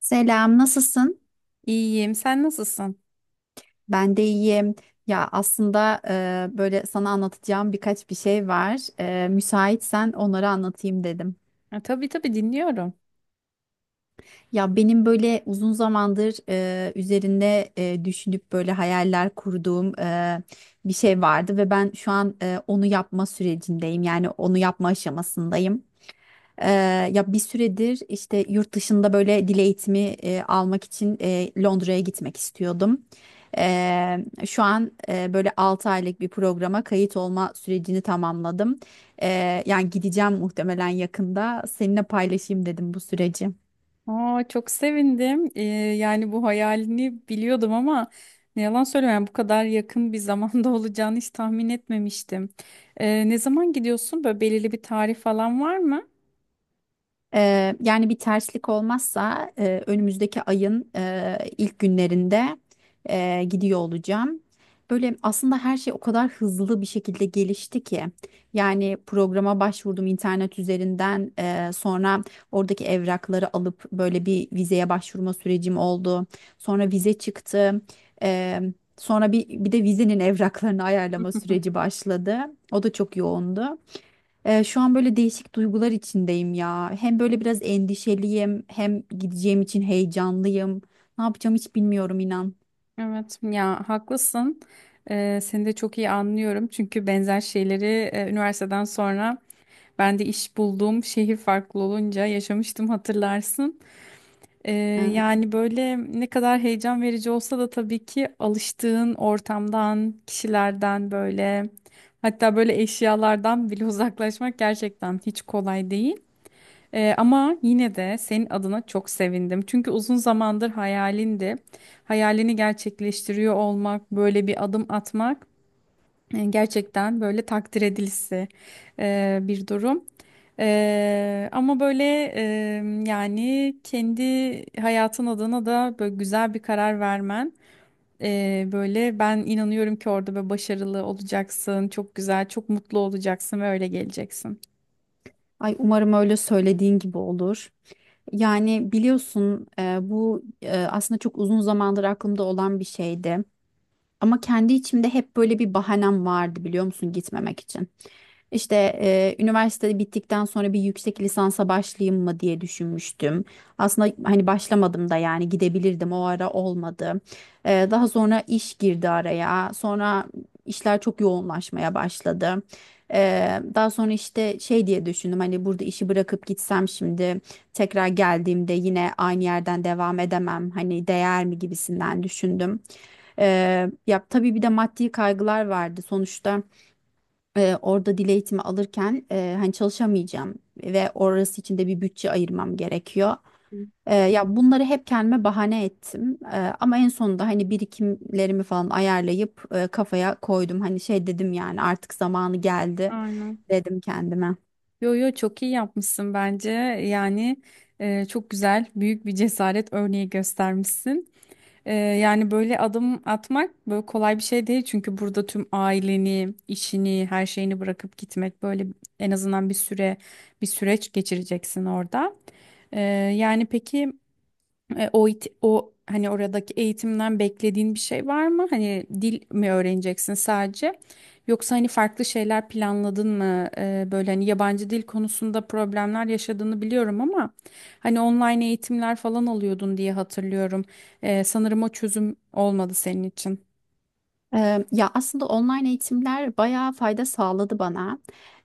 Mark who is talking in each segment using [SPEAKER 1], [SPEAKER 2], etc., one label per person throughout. [SPEAKER 1] Selam, nasılsın?
[SPEAKER 2] İyiyim. Sen nasılsın?
[SPEAKER 1] Ben de iyiyim. Ya aslında böyle sana anlatacağım birkaç bir şey var. Müsaitsen onları anlatayım dedim.
[SPEAKER 2] Ha, tabii tabii dinliyorum.
[SPEAKER 1] Ya benim böyle uzun zamandır üzerinde düşünüp böyle hayaller kurduğum bir şey vardı ve ben şu an onu yapma sürecindeyim. Yani onu yapma aşamasındayım. Ee, Ya bir süredir işte yurt dışında böyle dil eğitimi almak için Londra'ya gitmek istiyordum. Ee, Şu an böyle 6 aylık bir programa kayıt olma sürecini tamamladım. Yani gideceğim muhtemelen yakında. Seninle paylaşayım dedim bu süreci.
[SPEAKER 2] Aa, çok sevindim. Yani bu hayalini biliyordum ama ne yalan söyleyeyim, yani bu kadar yakın bir zamanda olacağını hiç tahmin etmemiştim. Ne zaman gidiyorsun? Böyle belirli bir tarih falan var mı?
[SPEAKER 1] Yani bir terslik olmazsa önümüzdeki ayın ilk günlerinde gidiyor olacağım. Böyle aslında her şey o kadar hızlı bir şekilde gelişti ki. Yani programa başvurdum internet üzerinden sonra oradaki evrakları alıp böyle bir vizeye başvurma sürecim oldu. Sonra vize çıktı. Eee, Sonra bir de vizenin evraklarını ayarlama süreci başladı. O da çok yoğundu. Şu an böyle değişik duygular içindeyim ya. Hem böyle biraz endişeliyim, hem gideceğim için heyecanlıyım. Ne yapacağım hiç bilmiyorum inan.
[SPEAKER 2] Evet ya, haklısın. Seni de çok iyi anlıyorum. Çünkü benzer şeyleri üniversiteden sonra ben de iş bulduğum şehir farklı olunca yaşamıştım, hatırlarsın. Ee,
[SPEAKER 1] Ee,
[SPEAKER 2] Yani böyle ne kadar heyecan verici olsa da tabii ki alıştığın ortamdan, kişilerden böyle, hatta böyle eşyalardan bile uzaklaşmak gerçekten hiç kolay değil. Ama yine de senin adına çok sevindim. Çünkü uzun zamandır hayalindi. Hayalini gerçekleştiriyor olmak, böyle bir adım atmak gerçekten böyle takdir edilisi bir durum. Ama böyle e, yani kendi hayatın adına da böyle güzel bir karar vermen, böyle ben inanıyorum ki orada böyle başarılı olacaksın, çok güzel, çok mutlu olacaksın ve öyle geleceksin.
[SPEAKER 1] Ay umarım öyle söylediğin gibi olur. Yani biliyorsun bu aslında çok uzun zamandır aklımda olan bir şeydi. Ama kendi içimde hep böyle bir bahanem vardı biliyor musun gitmemek için. İşte üniversite bittikten sonra bir yüksek lisansa başlayayım mı diye düşünmüştüm. Aslında hani başlamadım da yani gidebilirdim o ara olmadı. Daha sonra iş girdi araya. Sonra işler çok yoğunlaşmaya başladı. Daha sonra işte şey diye düşündüm hani burada işi bırakıp gitsem şimdi tekrar geldiğimde yine aynı yerden devam edemem. Hani değer mi gibisinden düşündüm. Ya tabii bir de maddi kaygılar vardı. Sonuçta orada dil eğitimi alırken hani çalışamayacağım ve orası için de bir bütçe ayırmam gerekiyor. Ya bunları hep kendime bahane ettim. Ama en sonunda hani birikimlerimi falan ayarlayıp kafaya koydum. Hani şey dedim yani artık zamanı geldi
[SPEAKER 2] Aynen.
[SPEAKER 1] dedim kendime.
[SPEAKER 2] Yo yo, çok iyi yapmışsın bence. Yani çok güzel, büyük bir cesaret örneği göstermişsin. Yani böyle adım atmak böyle kolay bir şey değil, çünkü burada tüm aileni, işini, her şeyini bırakıp gitmek böyle en azından bir süre, bir süreç geçireceksin orada. Ee, Yani peki. E, o, hani oradaki eğitimden beklediğin bir şey var mı? Hani dil mi öğreneceksin sadece? Yoksa hani farklı şeyler planladın mı? Böyle hani yabancı dil konusunda problemler yaşadığını biliyorum ama hani online eğitimler falan alıyordun diye hatırlıyorum. Sanırım o çözüm olmadı senin için.
[SPEAKER 1] Ya aslında online eğitimler bayağı fayda sağladı bana.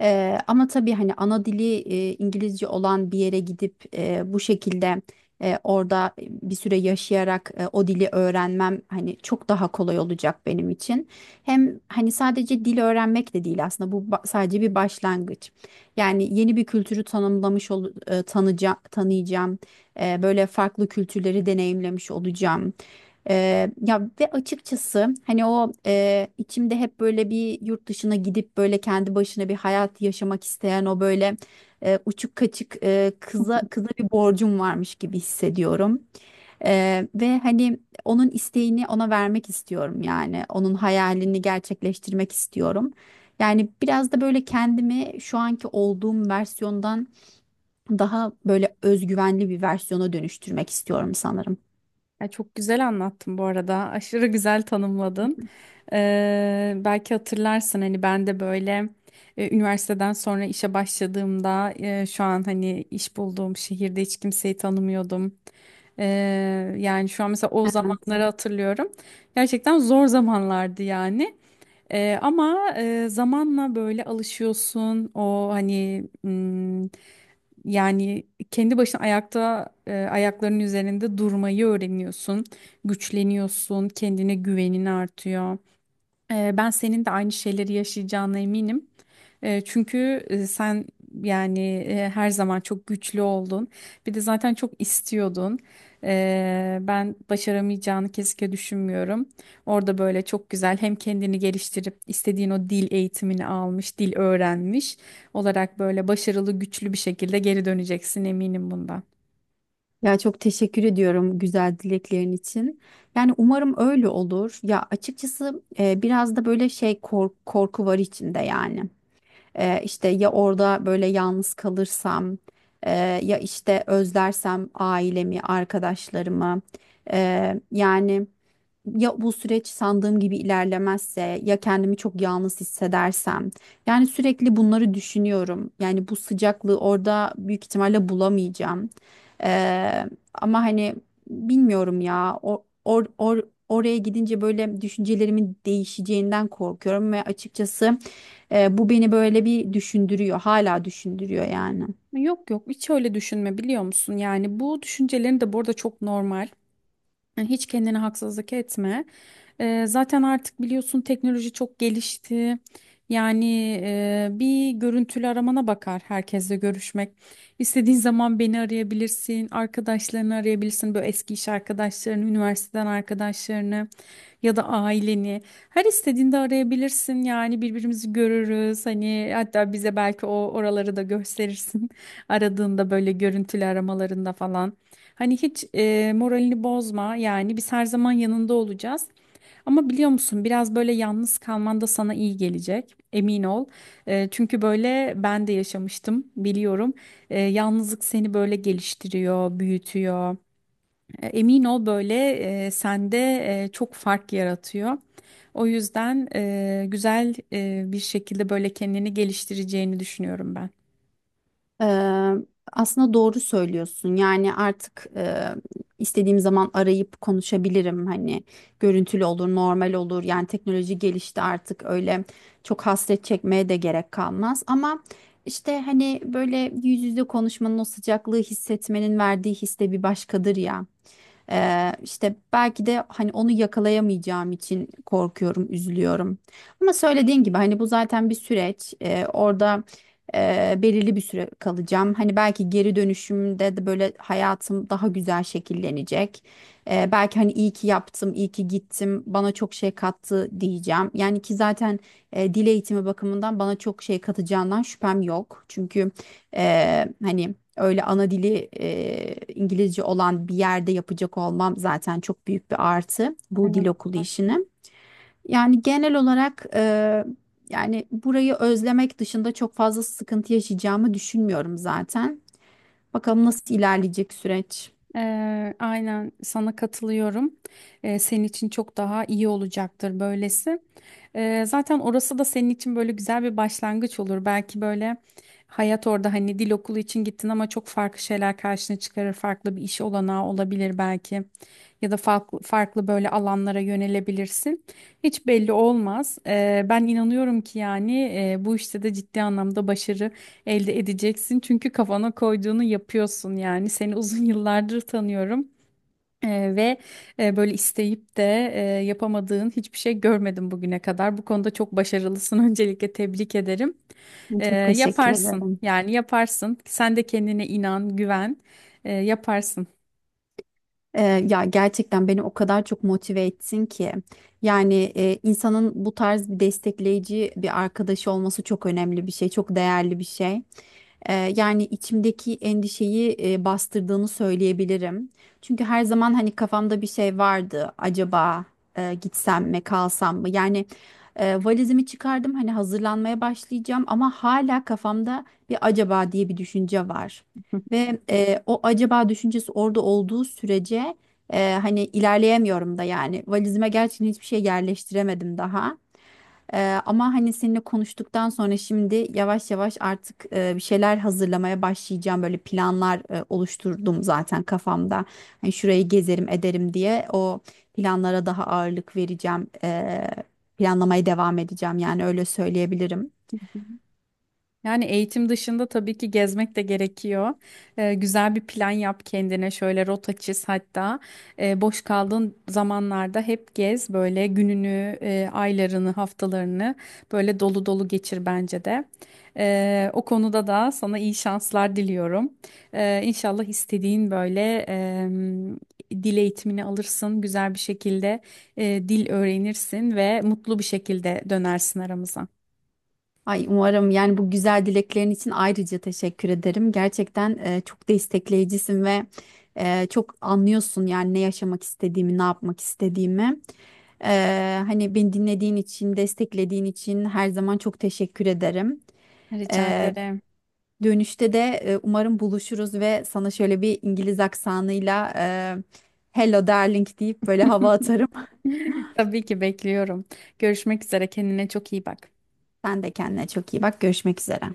[SPEAKER 1] Ama tabii hani ana dili İngilizce olan bir yere gidip bu şekilde orada bir süre yaşayarak o dili öğrenmem hani çok daha kolay olacak benim için. Hem hani sadece dil öğrenmek de değil aslında sadece bir başlangıç. Yani yeni bir kültürü tanımlamış ol, tanıyacağım. Böyle farklı kültürleri deneyimlemiş olacağım. Ya ve açıkçası hani o içimde hep böyle bir yurt dışına gidip böyle kendi başına bir hayat yaşamak isteyen o böyle uçuk kaçık kıza bir borcum varmış gibi hissediyorum. Ve hani onun isteğini ona vermek istiyorum yani onun hayalini gerçekleştirmek istiyorum. Yani biraz da böyle kendimi şu anki olduğum versiyondan daha böyle özgüvenli bir versiyona dönüştürmek istiyorum sanırım.
[SPEAKER 2] Ya çok güzel anlattın bu arada. Aşırı güzel tanımladın. Belki hatırlarsın, hani ben de böyle üniversiteden sonra işe başladığımda, şu an hani iş bulduğum şehirde hiç kimseyi tanımıyordum. Yani şu an mesela o
[SPEAKER 1] Evet.
[SPEAKER 2] zamanları hatırlıyorum. Gerçekten zor zamanlardı yani. Ama zamanla böyle alışıyorsun. O hani, yani kendi başına ayakta, ayaklarının üzerinde durmayı öğreniyorsun, güçleniyorsun, kendine güvenin artıyor. Ben senin de aynı şeyleri yaşayacağına eminim. Çünkü sen, yani her zaman çok güçlü oldun. Bir de zaten çok istiyordun. Ben başaramayacağını kesinlikle düşünmüyorum. Orada böyle çok güzel hem kendini geliştirip istediğin o dil eğitimini almış, dil öğrenmiş olarak böyle başarılı, güçlü bir şekilde geri döneceksin, eminim bundan.
[SPEAKER 1] Ya çok teşekkür ediyorum güzel dileklerin için. Yani umarım öyle olur. Ya açıkçası biraz da böyle korku var içinde yani. İşte ya orada böyle yalnız kalırsam, e, ya işte özlersem ailemi, arkadaşlarımı. Yani ya bu süreç sandığım gibi ilerlemezse ya kendimi çok yalnız hissedersem yani sürekli bunları düşünüyorum yani bu sıcaklığı orada büyük ihtimalle bulamayacağım. Ee, Ama hani bilmiyorum oraya gidince böyle düşüncelerimin değişeceğinden korkuyorum ve açıkçası bu beni böyle bir düşündürüyor hala düşündürüyor yani.
[SPEAKER 2] Yok yok, hiç öyle düşünme, biliyor musun? Yani bu düşüncelerin de bu arada çok normal. Yani hiç kendine haksızlık etme. Zaten artık biliyorsun, teknoloji çok gelişti. Yani bir görüntülü aramana bakar herkesle görüşmek. İstediğin zaman beni arayabilirsin, arkadaşlarını arayabilirsin. Böyle eski iş arkadaşlarını, üniversiteden arkadaşlarını ya da aileni. Her istediğinde arayabilirsin. Yani birbirimizi görürüz. Hani hatta bize belki o oraları da gösterirsin. Aradığında böyle görüntülü aramalarında falan. Hani hiç moralini bozma, yani biz her zaman yanında olacağız. Ama biliyor musun, biraz böyle yalnız kalman da sana iyi gelecek, emin ol. Çünkü böyle ben de yaşamıştım, biliyorum. Yalnızlık seni böyle geliştiriyor, büyütüyor. Emin ol, böyle sende çok fark yaratıyor. O yüzden güzel bir şekilde böyle kendini geliştireceğini düşünüyorum ben.
[SPEAKER 1] Eee, Aslında doğru söylüyorsun. Yani artık istediğim zaman arayıp konuşabilirim. Hani görüntülü olur, normal olur. Yani teknoloji gelişti artık öyle çok hasret çekmeye de gerek kalmaz. Ama işte hani böyle yüz yüze konuşmanın o sıcaklığı hissetmenin verdiği his de bir başkadır ya. İşte belki de hani onu yakalayamayacağım için korkuyorum, üzülüyorum. Ama söylediğin gibi hani bu zaten bir süreç. Orada belirli bir süre kalacağım. Hani belki geri dönüşümde de böyle hayatım daha güzel şekillenecek. Belki hani iyi ki yaptım, iyi ki gittim, bana çok şey kattı diyeceğim. Yani ki zaten dil eğitimi bakımından bana çok şey katacağından şüphem yok. Çünkü e, hani öyle ana dili İngilizce olan bir yerde yapacak olmam zaten çok büyük bir artı bu dil
[SPEAKER 2] Aynen.
[SPEAKER 1] okulu işini. Yani genel olarak yani burayı özlemek dışında çok fazla sıkıntı yaşayacağımı düşünmüyorum zaten. Bakalım nasıl ilerleyecek süreç.
[SPEAKER 2] Aynen sana katılıyorum. Senin için çok daha iyi olacaktır böylesi. Zaten orası da senin için böyle güzel bir başlangıç olur. Belki böyle hayat orada, hani dil okulu için gittin ama çok farklı şeyler karşına çıkarır. Farklı bir iş olanağı olabilir belki. Ya da farklı, farklı böyle alanlara yönelebilirsin. Hiç belli olmaz. Ben inanıyorum ki, yani bu işte de ciddi anlamda başarı elde edeceksin. Çünkü kafana koyduğunu yapıyorsun yani. Seni uzun yıllardır tanıyorum. Ve böyle isteyip de yapamadığın hiçbir şey görmedim bugüne kadar. Bu konuda çok başarılısın. Öncelikle tebrik ederim.
[SPEAKER 1] Çok teşekkür
[SPEAKER 2] Yaparsın,
[SPEAKER 1] ederim.
[SPEAKER 2] yani yaparsın. Sen de kendine inan, güven. Yaparsın.
[SPEAKER 1] Ya gerçekten beni o kadar çok motive etsin ki. Yani insanın bu tarz bir destekleyici bir arkadaşı olması çok önemli bir şey, çok değerli bir şey. Yani içimdeki endişeyi bastırdığını söyleyebilirim. Çünkü her zaman hani kafamda bir şey vardı. Acaba gitsem mi, kalsam mı? Yani valizimi çıkardım hani hazırlanmaya başlayacağım ama hala kafamda bir acaba diye bir düşünce var. Ve o acaba düşüncesi orada olduğu sürece hani ilerleyemiyorum da yani valizime gerçekten hiçbir şey yerleştiremedim daha. Ama hani seninle konuştuktan sonra şimdi yavaş yavaş artık bir şeyler hazırlamaya başlayacağım. Böyle planlar oluşturdum zaten kafamda. Hani şurayı gezerim ederim diye o planlara daha ağırlık vereceğim. Planlamaya devam edeceğim yani öyle söyleyebilirim.
[SPEAKER 2] Yani eğitim dışında tabii ki gezmek de gerekiyor. Güzel bir plan yap kendine, şöyle rota çiz hatta. Boş kaldığın zamanlarda hep gez, böyle gününü, aylarını, haftalarını böyle dolu dolu geçir bence de. O konuda da sana iyi şanslar diliyorum. İnşallah istediğin böyle dil eğitimini alırsın, güzel bir şekilde dil öğrenirsin ve mutlu bir şekilde dönersin aramıza.
[SPEAKER 1] Ay umarım yani bu güzel dileklerin için ayrıca teşekkür ederim. Gerçekten çok destekleyicisin ve çok anlıyorsun yani ne yaşamak istediğimi, ne yapmak istediğimi. Hani beni dinlediğin için, desteklediğin için her zaman çok teşekkür ederim.
[SPEAKER 2] Rica
[SPEAKER 1] E,
[SPEAKER 2] ederim.
[SPEAKER 1] Dönüşte de umarım buluşuruz ve sana şöyle bir İngiliz aksanıyla "Hello darling" deyip böyle hava atarım.
[SPEAKER 2] Tabii ki bekliyorum. Görüşmek üzere. Kendine çok iyi bak.
[SPEAKER 1] Sen de kendine çok iyi bak. Görüşmek üzere.